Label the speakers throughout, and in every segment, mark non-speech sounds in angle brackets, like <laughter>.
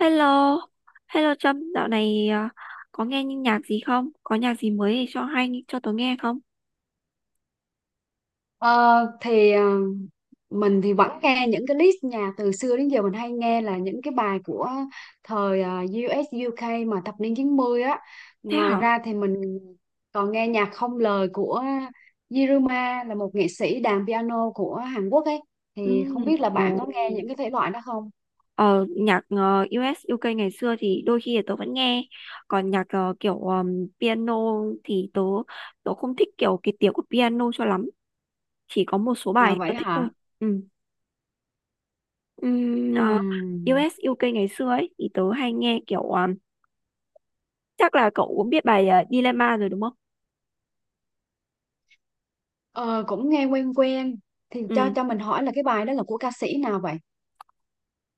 Speaker 1: Hello, hello Trâm, dạo này à, có nghe những nhạc gì không? Có nhạc gì mới để cho hay cho tớ nghe không?
Speaker 2: Ờ, thì ờ, mình thì vẫn nghe những cái list nhạc từ xưa đến giờ mình hay nghe là những cái bài của thời US UK mà thập niên 90 á.
Speaker 1: Thế
Speaker 2: Ngoài
Speaker 1: hả?
Speaker 2: ra thì mình còn nghe nhạc không lời của Yiruma, là một nghệ sĩ đàn piano của Hàn Quốc ấy.
Speaker 1: Ừ,
Speaker 2: Thì không biết là
Speaker 1: ồ,
Speaker 2: bạn có nghe những cái thể loại đó không?
Speaker 1: ờ, nhạc US UK ngày xưa thì đôi khi là tớ vẫn nghe, còn nhạc kiểu piano thì tớ tớ không thích kiểu cái tiếng của piano cho lắm, chỉ có một số
Speaker 2: À
Speaker 1: bài tớ
Speaker 2: vậy
Speaker 1: thích thôi.
Speaker 2: hả?
Speaker 1: Ừ. Ừm, ờ,
Speaker 2: Ừm.
Speaker 1: US UK ngày xưa ấy thì tớ hay nghe kiểu chắc là cậu cũng biết bài Dilemma rồi đúng không?
Speaker 2: Ờ, Cũng nghe quen quen, thì cho
Speaker 1: Ừ,
Speaker 2: cho mình hỏi là cái bài đó là của ca sĩ nào vậy?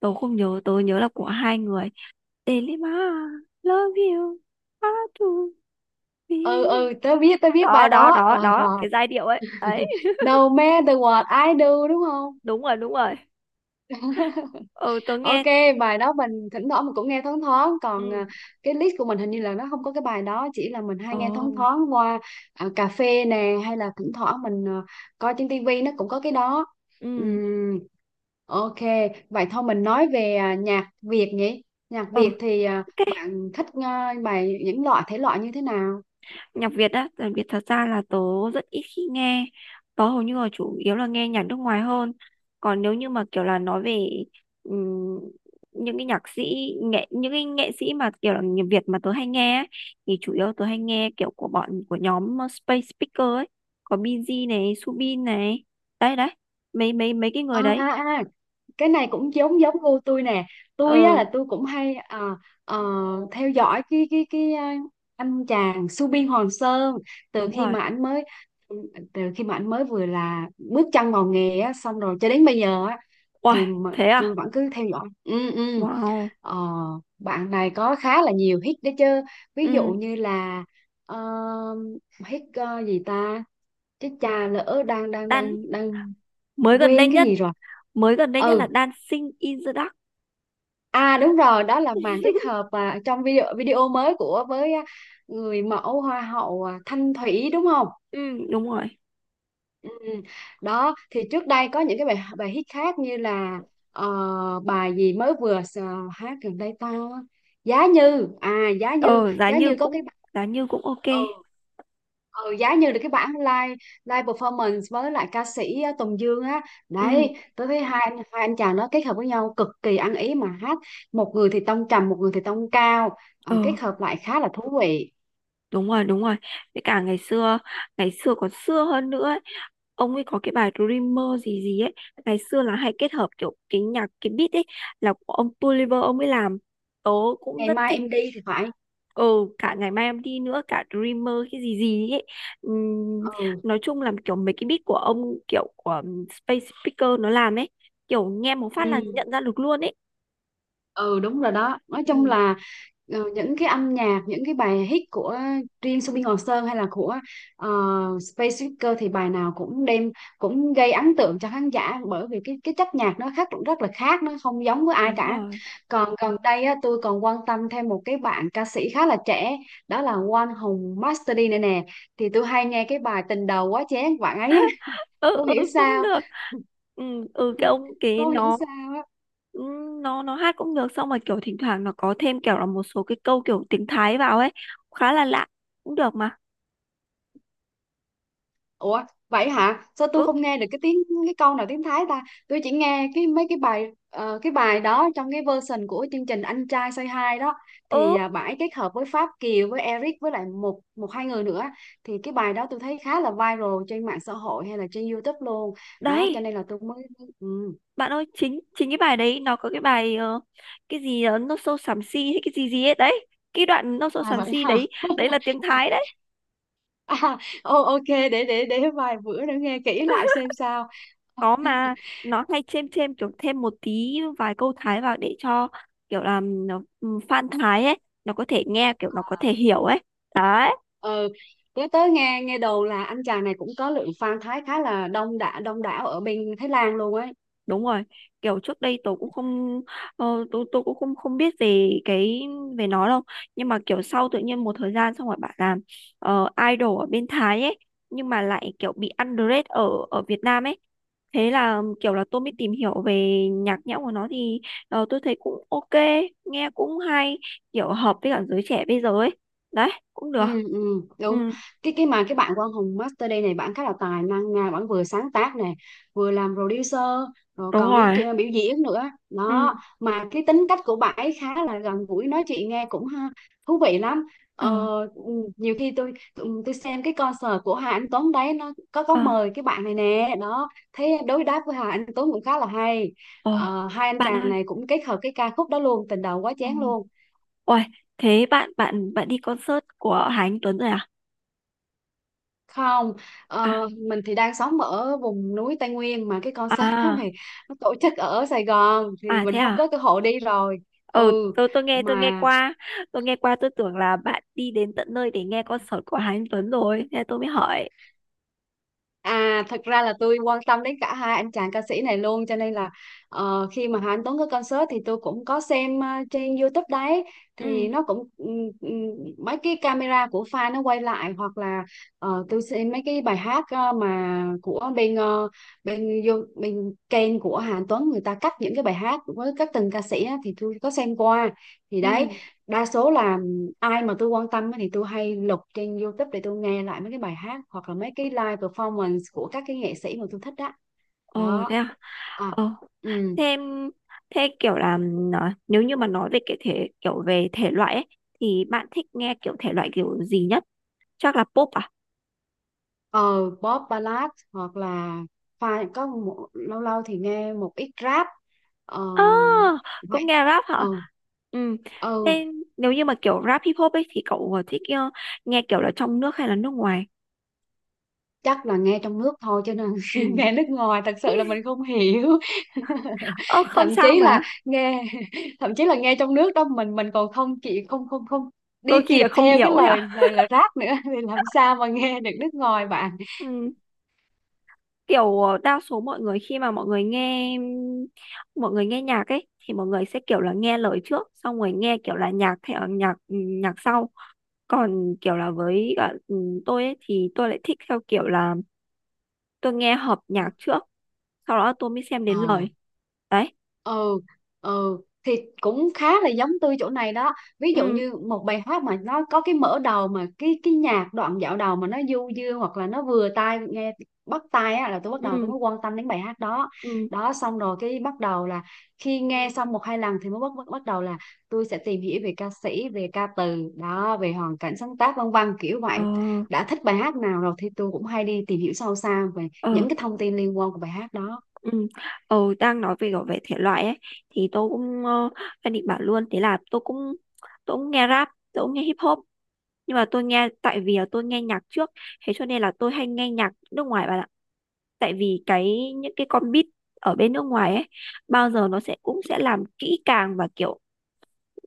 Speaker 1: tớ không nhớ, tớ nhớ là của hai người. Delima, love you, how to
Speaker 2: Ừ
Speaker 1: be.
Speaker 2: ừ tớ biết, tớ biết
Speaker 1: Đó
Speaker 2: bài
Speaker 1: đó
Speaker 2: đó.
Speaker 1: đó
Speaker 2: Ờ
Speaker 1: đó,
Speaker 2: rồi.
Speaker 1: cái giai điệu ấy đấy.
Speaker 2: No matter what I do đúng không?
Speaker 1: Đúng rồi, đúng rồi. Ừ,
Speaker 2: <laughs>
Speaker 1: tớ
Speaker 2: Ok,
Speaker 1: nghe.
Speaker 2: bài đó mình thỉnh thoảng mình cũng nghe thoáng thoáng, còn
Speaker 1: Ừ.
Speaker 2: cái list của mình hình như là nó không có cái bài đó, chỉ là mình hay
Speaker 1: Ồ.
Speaker 2: nghe thoáng thoáng qua cà phê nè, hay là thỉnh thoảng mình coi trên tivi nó cũng có cái đó.
Speaker 1: Ừ.
Speaker 2: Ừm, ok, vậy thôi mình nói về nhạc Việt nhỉ? Nhạc
Speaker 1: Ừ.
Speaker 2: Việt thì
Speaker 1: Ok.
Speaker 2: bạn thích bài những loại thể loại như thế nào?
Speaker 1: Nhạc Việt á, nhạc Việt thật ra là tớ rất ít khi nghe, tớ hầu như là chủ yếu là nghe nhạc nước ngoài hơn. Còn nếu như mà kiểu là nói về ừm, những cái nhạc sĩ nghệ những cái nghệ sĩ mà kiểu là nhạc Việt mà tớ hay nghe ấy, thì chủ yếu tớ hay nghe kiểu của bọn của nhóm Space Speaker ấy, có Binz này, Subin này, đấy đấy, mấy mấy mấy cái
Speaker 2: À,
Speaker 1: người đấy.
Speaker 2: à, à cái này cũng giống giống gu tôi nè. Tôi á
Speaker 1: Ừ,
Speaker 2: là tôi cũng hay ờ, theo dõi anh chàng Subin Hoàng Sơn từ
Speaker 1: đúng
Speaker 2: khi
Speaker 1: rồi.
Speaker 2: mà anh mới, từ khi mà anh mới vừa là bước chân vào nghề á, xong rồi cho đến bây giờ á,
Speaker 1: Wow,
Speaker 2: thì mà
Speaker 1: thế
Speaker 2: tôi
Speaker 1: à?
Speaker 2: vẫn cứ theo dõi. Ừ
Speaker 1: Wow.
Speaker 2: ờ, Bạn này có khá là nhiều hit đấy chứ, ví dụ
Speaker 1: Ừ,
Speaker 2: như là ờ, hit gì ta, chứ cha lỡ đang đang
Speaker 1: Đan,
Speaker 2: đang đang
Speaker 1: mới gần đây
Speaker 2: quên cái
Speaker 1: nhất,
Speaker 2: gì rồi.
Speaker 1: mới gần đây nhất là
Speaker 2: Ừ,
Speaker 1: Dancing in the Dark.
Speaker 2: à đúng rồi, đó là màn kết hợp trong video video mới của với người mẫu hoa hậu Thanh Thủy đúng không?
Speaker 1: Ừ, đúng rồi.
Speaker 2: Ừ. Đó thì trước đây có những cái bài bài hit khác như là bài gì mới vừa s- hát gần đây ta, giá như, à giá như
Speaker 1: Ờ Giá
Speaker 2: giá
Speaker 1: như
Speaker 2: như có cái
Speaker 1: cũng, giá như cũng ok.
Speaker 2: ừ, ừ giá như là cái bản live, live performance với lại ca sĩ Tùng Dương á.
Speaker 1: Ừ.
Speaker 2: Đấy, tôi thấy hai anh chàng đó kết hợp với nhau cực kỳ ăn ý mà hát, một người thì tông trầm, một người thì tông cao.
Speaker 1: Ờ,
Speaker 2: Ờ, kết hợp lại khá là thú vị.
Speaker 1: đúng rồi, đúng rồi. Với cả ngày xưa còn xưa hơn nữa ấy. Ông ấy có cái bài Dreamer gì gì ấy, ngày xưa là hay kết hợp kiểu cái nhạc, cái beat ấy là của ông Tuliver ông ấy làm, tớ cũng
Speaker 2: Ngày
Speaker 1: rất
Speaker 2: mai
Speaker 1: thích.
Speaker 2: em đi thì phải.
Speaker 1: Ừ, cả ngày mai em đi nữa, cả Dreamer cái gì gì ấy. Ừm,
Speaker 2: ừ
Speaker 1: nói chung là kiểu mấy cái beat của ông, kiểu của Space Speaker nó làm ấy, kiểu nghe một phát
Speaker 2: ừ
Speaker 1: là nhận ra được luôn ấy.
Speaker 2: ừ đúng rồi đó, nói chung
Speaker 1: Ừ,
Speaker 2: là ờ, những cái âm nhạc, những cái bài hit của riêng Subin Ngọc Sơn hay là của Space Speaker thì bài nào cũng đem, cũng gây ấn tượng cho khán giả, bởi vì cái chất nhạc nó khác, rất là khác, nó không giống với ai
Speaker 1: đúng
Speaker 2: cả.
Speaker 1: rồi.
Speaker 2: Còn gần đây á, tôi còn quan tâm thêm một cái bạn ca sĩ khá là trẻ, đó là Quang Hùng Master D này nè. Thì tôi hay nghe cái bài Tình Đầu Quá Chén của bạn ấy. <laughs>
Speaker 1: Ừ.
Speaker 2: Không
Speaker 1: Ừ,
Speaker 2: hiểu
Speaker 1: cũng
Speaker 2: sao.
Speaker 1: được. Ừ, ừ, cái ông
Speaker 2: <laughs>
Speaker 1: cái
Speaker 2: Không hiểu
Speaker 1: nó,
Speaker 2: sao.
Speaker 1: ừ, nó hát cũng được, xong rồi kiểu thỉnh thoảng nó có thêm kiểu là một số cái câu kiểu tiếng Thái vào ấy, khá là lạ, cũng được mà.
Speaker 2: Ủa vậy hả? Sao tôi
Speaker 1: Ừ.
Speaker 2: không nghe được cái tiếng, cái câu nào tiếng Thái ta? Tôi chỉ nghe cái mấy cái bài cái bài đó trong cái version của chương trình Anh Trai Say Hi đó,
Speaker 1: Ừ,
Speaker 2: thì bãi kết hợp với Pháp Kiều, với Eric, với lại một một hai người nữa. Thì cái bài đó tôi thấy khá là viral trên mạng xã hội hay là trên YouTube luôn. Đó cho
Speaker 1: đấy.
Speaker 2: nên là tôi mới ừ.
Speaker 1: Bạn ơi, chính chính cái bài đấy nó có cái bài cái gì nó sâu xám xì hay cái gì gì ấy đấy, cái đoạn nó sâu
Speaker 2: À
Speaker 1: xám
Speaker 2: vậy
Speaker 1: xì
Speaker 2: hả?
Speaker 1: đấy, đấy là tiếng
Speaker 2: <laughs>
Speaker 1: Thái đấy.
Speaker 2: À, ok, để để vài bữa nữa nghe kỹ lại xem sao.
Speaker 1: Có mà, nó hay chêm chêm kiểu thêm một tí vài câu Thái vào để cho kiểu là nó, ừ, fan Thái ấy nó có thể nghe, kiểu nó có thể hiểu ấy. Đấy.
Speaker 2: Ừ, nhớ tới nghe, nghe đồn là anh chàng này cũng có lượng fan Thái khá là đông đảo, đông đảo ở bên Thái Lan luôn ấy.
Speaker 1: Đúng rồi. Kiểu trước đây tôi cũng không, tôi cũng không không biết về về nó đâu, nhưng mà kiểu sau tự nhiên một thời gian xong rồi bạn làm idol ở bên Thái ấy, nhưng mà lại kiểu bị underrated ở ở Việt Nam ấy. Thế là kiểu là tôi mới tìm hiểu về nhạc nhẽo của nó thì, tôi thấy cũng ok, nghe cũng hay, kiểu hợp với cả giới trẻ bây giờ ấy, đấy cũng
Speaker 2: Ừ,
Speaker 1: được.
Speaker 2: ừ,
Speaker 1: Ừ,
Speaker 2: đúng. Cái bạn của ông Hùng Master đây này, bạn khá là tài năng nha, bạn vừa sáng tác này, vừa làm producer, rồi
Speaker 1: đúng
Speaker 2: còn đi
Speaker 1: rồi.
Speaker 2: biểu diễn nữa đó.
Speaker 1: Ừ.
Speaker 2: Mà cái tính cách của bạn ấy khá là gần gũi, nói chuyện nghe cũng ha, thú vị lắm.
Speaker 1: Ờ.
Speaker 2: ờ, ừ, Nhiều khi tôi xem cái concert của Hà Anh Tuấn đấy, nó có
Speaker 1: Ờ.
Speaker 2: mời cái bạn này nè, đó thấy đối đáp với Hà Anh Tuấn cũng khá là hay.
Speaker 1: Ờ,
Speaker 2: Hai anh
Speaker 1: bạn
Speaker 2: chàng
Speaker 1: ơi,
Speaker 2: này cũng kết hợp cái ca khúc đó luôn, Tình Đầu Quá
Speaker 1: ờ.
Speaker 2: Chén luôn.
Speaker 1: Ôi, thế bạn bạn bạn đi concert của Hà Anh Tuấn rồi à?
Speaker 2: Không,
Speaker 1: À,
Speaker 2: mình thì đang sống ở vùng núi Tây Nguyên, mà cái concert <laughs> đó
Speaker 1: à,
Speaker 2: này nó tổ chức ở Sài Gòn thì
Speaker 1: à, thế
Speaker 2: mình không có
Speaker 1: à?
Speaker 2: cơ hội đi rồi.
Speaker 1: Ờ,
Speaker 2: Ừ
Speaker 1: tôi nghe
Speaker 2: mà
Speaker 1: qua, tôi tưởng là bạn đi đến tận nơi để nghe concert của Hà Anh Tuấn rồi, thế tôi mới hỏi.
Speaker 2: À thật ra là tôi quan tâm đến cả hai anh chàng ca sĩ này luôn, cho nên là khi mà Hà Anh Tuấn có concert thì tôi cũng có xem trên YouTube đấy.
Speaker 1: Ừ,
Speaker 2: Thì nó cũng mấy cái camera của fan nó quay lại, hoặc là tôi xem mấy cái bài hát mà của bên bên bên kênh của Hà Anh Tuấn, người ta cắt những cái bài hát với các từng ca sĩ á, thì tôi có xem qua. Thì đấy,
Speaker 1: ừ.
Speaker 2: đa số là ai mà tôi quan tâm á thì tôi hay lục trên YouTube để tôi nghe lại mấy cái bài hát hoặc là mấy cái live performance của các cái nghệ sĩ mà tôi thích đó.
Speaker 1: Ồ, thế
Speaker 2: Đó,
Speaker 1: à?
Speaker 2: à,
Speaker 1: Ờ.
Speaker 2: ừ,
Speaker 1: thế thế kiểu là nó- nếu như mà nói về cái thể kiểu về thể loại ấy thì bạn thích nghe kiểu thể loại kiểu gì nhất? Chắc là pop à?
Speaker 2: ờ, pop ballad hoặc là có một, lâu lâu thì nghe một ít rap. Ờ
Speaker 1: À, cũng
Speaker 2: vậy.
Speaker 1: nghe rap
Speaker 2: Ờ,
Speaker 1: hả? Ừ.
Speaker 2: ừ,
Speaker 1: Thế, nếu như mà kiểu rap hip hop ấy thì cậu thích nghe kiểu là trong nước hay là nước ngoài?
Speaker 2: chắc là nghe trong nước thôi, cho nên <laughs>
Speaker 1: Ừ.
Speaker 2: nghe nước ngoài thật sự là mình không hiểu.
Speaker 1: Ơ
Speaker 2: <laughs>
Speaker 1: không
Speaker 2: Thậm
Speaker 1: sao
Speaker 2: chí là
Speaker 1: mà,
Speaker 2: nghe, <laughs> thậm chí là nghe trong nước đó, mình còn không chị không không không đi
Speaker 1: đôi khi
Speaker 2: kịp
Speaker 1: là không
Speaker 2: theo
Speaker 1: hiểu
Speaker 2: cái
Speaker 1: ấy
Speaker 2: lời,
Speaker 1: à?
Speaker 2: lời rap nữa, <laughs> thì làm sao mà nghe được nước ngoài bạn.
Speaker 1: Ừ. Kiểu ờ, đa số mọi người khi mà mọi người nghe nhạc ấy thì mọi người sẽ kiểu là nghe lời trước, xong rồi nghe kiểu là nhạc theo nhạc, nhạc sau. Còn kiểu là với cả, tôi ấy thì tôi lại thích theo kiểu là tôi nghe hợp nhạc trước, sau đó tôi mới xem đến
Speaker 2: Ờ.
Speaker 1: lời. Đấy.
Speaker 2: ừ ừ thì Cũng khá là giống tôi chỗ này đó, ví dụ
Speaker 1: Ừ.
Speaker 2: như một bài hát mà nó có cái mở đầu mà cái nhạc đoạn dạo đầu mà nó du dương hoặc là nó vừa tai nghe, bắt tai á, là tôi bắt đầu tôi
Speaker 1: Ừ.
Speaker 2: mới quan tâm đến bài hát đó.
Speaker 1: Ừ.
Speaker 2: Đó xong rồi cái bắt đầu là khi nghe xong một hai lần thì mới bắt bắt, bắt đầu là tôi sẽ tìm hiểu về ca sĩ, về ca từ đó, về hoàn cảnh sáng tác, vân vân kiểu vậy.
Speaker 1: Ờ.
Speaker 2: Đã thích bài hát nào rồi thì tôi cũng hay đi tìm hiểu sâu xa về
Speaker 1: Ờ.
Speaker 2: những cái thông tin liên quan của bài hát đó.
Speaker 1: Ừ. Ờ, đang nói về về thể loại ấy thì tôi cũng, đang định bảo luôn, thế là tôi cũng, nghe rap, tôi cũng nghe hip hop, nhưng mà tôi nghe tại vì là tôi nghe nhạc trước, thế cho nên là tôi hay nghe nhạc nước ngoài bạn ạ, tại vì những cái con beat ở bên nước ngoài ấy bao giờ nó cũng sẽ làm kỹ càng và kiểu,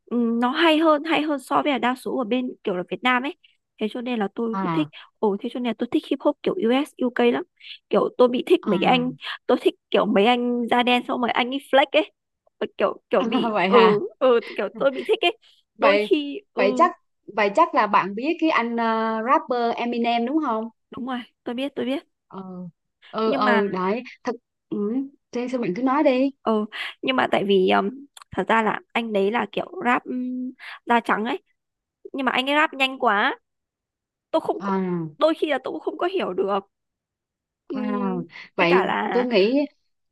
Speaker 1: nó hay hơn, so với là đa số ở bên kiểu là Việt Nam ấy, thế cho nên là tôi cứ thích.
Speaker 2: À,
Speaker 1: Ồ, thế cho nên là tôi thích hip hop kiểu US UK lắm, kiểu tôi bị thích mấy cái anh,
Speaker 2: à.
Speaker 1: tôi thích kiểu mấy anh da đen xong mấy anh ấy flex ấy. Tôi kiểu kiểu
Speaker 2: <laughs> À,
Speaker 1: bị,
Speaker 2: vậy hả?
Speaker 1: kiểu tôi bị thích ấy, đôi
Speaker 2: Vậy
Speaker 1: khi
Speaker 2: vậy
Speaker 1: ừ.
Speaker 2: chắc Vậy chắc là bạn biết cái anh rapper Eminem đúng không?
Speaker 1: Đúng rồi, tôi biết, tôi biết.
Speaker 2: Ừ. Ừ
Speaker 1: Nhưng mà,
Speaker 2: ừ đấy, thật, ừ, thế sao bạn cứ nói đi.
Speaker 1: ừ nhưng mà tại vì thật ra là anh đấy là kiểu rap da trắng ấy, nhưng mà anh ấy rap nhanh quá, tôi không có-,
Speaker 2: À.
Speaker 1: đôi khi là tôi cũng không có hiểu được.
Speaker 2: À,
Speaker 1: Ừm, với cả
Speaker 2: vậy tôi
Speaker 1: là,
Speaker 2: nghĩ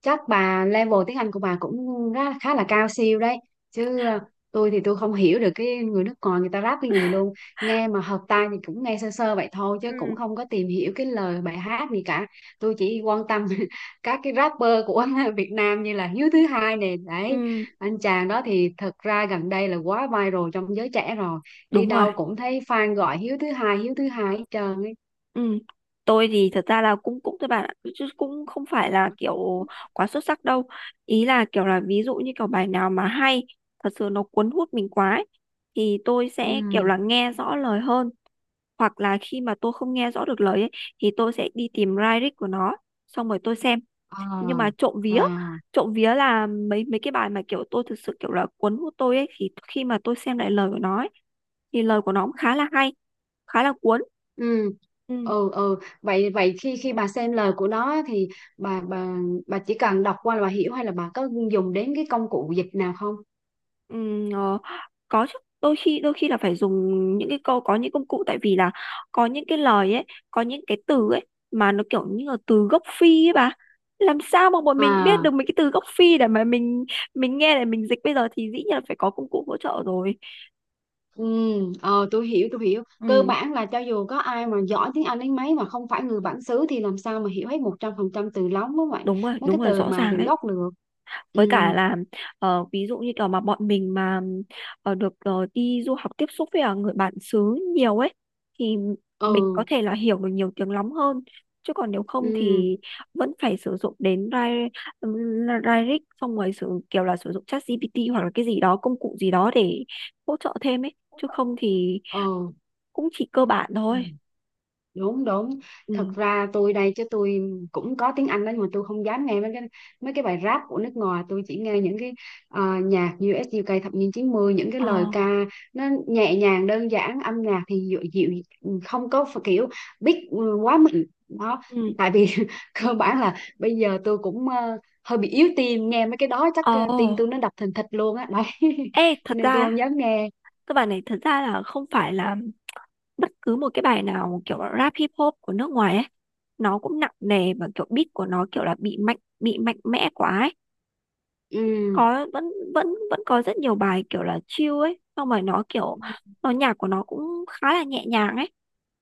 Speaker 2: chắc bà level tiếng Anh của bà cũng khá là cao siêu đấy chứ. Ờ, tôi thì tôi không hiểu được cái người nước ngoài người ta rap cái gì luôn, nghe mà hợp tai thì cũng nghe sơ sơ vậy thôi, chứ
Speaker 1: ừ
Speaker 2: cũng không có tìm hiểu cái lời bài hát gì cả. Tôi chỉ quan tâm <laughs> các cái rapper của <laughs> Việt Nam như là Hiếu Thứ Hai nè đấy,
Speaker 1: ừm,
Speaker 2: anh chàng đó thì thật ra gần đây là quá viral trong giới trẻ rồi, đi
Speaker 1: đúng rồi.
Speaker 2: đâu cũng thấy fan gọi Hiếu Thứ Hai, Hiếu Thứ Hai hết trơn ấy.
Speaker 1: Ừm, tôi thì thật ra là cũng, các bạn ạ, chứ cũng không phải là kiểu quá xuất sắc đâu, ý là kiểu là ví dụ như kiểu bài nào mà hay thật sự, nó cuốn hút mình quá ấy, thì tôi sẽ kiểu
Speaker 2: Ừ.
Speaker 1: là nghe rõ lời hơn, hoặc là khi mà tôi không nghe rõ được lời ấy, thì tôi sẽ đi tìm lyric của nó xong rồi tôi xem. Nhưng
Speaker 2: À,
Speaker 1: mà trộm vía,
Speaker 2: à,
Speaker 1: trộm vía là mấy mấy cái bài mà kiểu tôi thực sự kiểu là cuốn hút tôi ấy, thì khi mà tôi xem lại lời của nó ấy, thì lời của nó cũng khá là hay, khá là cuốn.
Speaker 2: ừ
Speaker 1: Ừ.
Speaker 2: ừ ừ, vậy vậy khi khi bà xem lời của nó á, thì bà bà bà chỉ cần đọc qua là bà hiểu, hay là bà có dùng đến cái công cụ dịch nào không?
Speaker 1: Ừ. Ờ, có chứ, đôi khi là phải dùng những cái câu, có những công cụ, tại vì là có những cái lời ấy, có những cái từ ấy mà nó kiểu như là từ gốc phi ấy bà, làm sao mà bọn mình biết
Speaker 2: À,
Speaker 1: được mấy cái từ gốc phi để mà mình nghe để mình dịch bây giờ, thì dĩ nhiên là phải có công cụ hỗ trợ rồi.
Speaker 2: ừ, ờ, tôi hiểu tôi hiểu, cơ
Speaker 1: Ừ,
Speaker 2: bản là cho dù có ai mà giỏi tiếng Anh đến mấy mà không phải người bản xứ thì làm sao mà hiểu hết 100% từ lóng, đúng vậy.
Speaker 1: đúng rồi,
Speaker 2: Mấy
Speaker 1: đúng
Speaker 2: cái
Speaker 1: rồi,
Speaker 2: từ
Speaker 1: rõ
Speaker 2: mà
Speaker 1: ràng
Speaker 2: từ
Speaker 1: đấy.
Speaker 2: gốc được. Ừ
Speaker 1: Với cả là, ví dụ như kiểu mà bọn mình mà được, đi du học, tiếp xúc với người bản xứ nhiều ấy, thì mình có
Speaker 2: ừ
Speaker 1: thể là hiểu được nhiều tiếng lắm hơn, chứ còn nếu không
Speaker 2: ừ
Speaker 1: thì vẫn phải sử dụng đến Rai-, Rairik, xong rồi sử dụng ChatGPT hoặc là cái gì đó, công cụ gì đó để hỗ trợ thêm ấy, chứ không thì
Speaker 2: ừ.
Speaker 1: cũng chỉ cơ bản
Speaker 2: Ừ.
Speaker 1: thôi.
Speaker 2: Đúng đúng, thật
Speaker 1: Ừ.
Speaker 2: ra tôi đây chứ tôi cũng có tiếng Anh đó, nhưng mà tôi không dám nghe mấy cái, mấy cái bài rap của nước ngoài. Tôi chỉ nghe những cái nhạc US UK thập niên 90, những cái lời
Speaker 1: Ờ.
Speaker 2: ca nó nhẹ nhàng đơn giản, âm nhạc thì dịu, dịu, không có phải kiểu beat ừ, quá mạnh đó.
Speaker 1: Ừ.
Speaker 2: Tại vì <laughs> cơ bản là bây giờ tôi cũng hơi bị yếu tim, nghe mấy cái đó chắc
Speaker 1: Ồ.
Speaker 2: tim tôi nó đập thình thịch luôn á đấy. <laughs>
Speaker 1: Ê,
Speaker 2: Cho
Speaker 1: thật
Speaker 2: nên tôi
Speaker 1: ra
Speaker 2: không dám nghe.
Speaker 1: các bạn này, thật ra là không phải là bất cứ một cái bài nào kiểu rap hip hop của nước ngoài ấy nó cũng nặng nề và kiểu beat của nó kiểu là bị mạnh mẽ quá ấy,
Speaker 2: Ừ
Speaker 1: có, vẫn vẫn vẫn có rất nhiều bài kiểu là chill ấy, xong rồi nó kiểu,
Speaker 2: ừ
Speaker 1: nó nhạc của nó cũng khá là nhẹ nhàng ấy,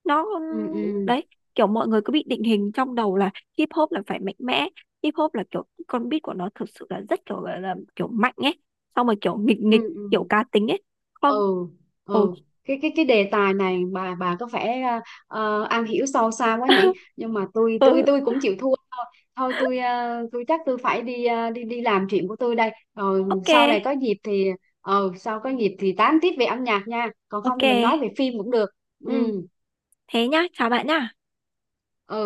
Speaker 1: nó
Speaker 2: ừ
Speaker 1: đấy, kiểu mọi người cứ bị định hình trong đầu là hip hop là phải mạnh mẽ, hip hop là kiểu con beat của nó thực sự là rất kiểu là, kiểu mạnh ấy, xong rồi kiểu nghịch
Speaker 2: ừ
Speaker 1: nghịch,
Speaker 2: ừ.
Speaker 1: kiểu
Speaker 2: Ừ.
Speaker 1: cá tính ấy. Không.
Speaker 2: ừ
Speaker 1: Ồ.
Speaker 2: ừ cái cái đề tài này bà có vẻ am hiểu sâu xa quá nhỉ, nhưng mà tôi tôi
Speaker 1: Ừ,
Speaker 2: tôi cũng chịu thua. Thôi tôi tôi chắc tôi phải đi đi đi làm chuyện của tôi đây, rồi
Speaker 1: ok,
Speaker 2: sau này có dịp thì sau có dịp thì tám tiếp về âm nhạc nha, còn không
Speaker 1: ok.
Speaker 2: thì mình nói về phim cũng được.
Speaker 1: Ừ,
Speaker 2: Ừ
Speaker 1: thế nhá, chào bạn nhá.
Speaker 2: ừ.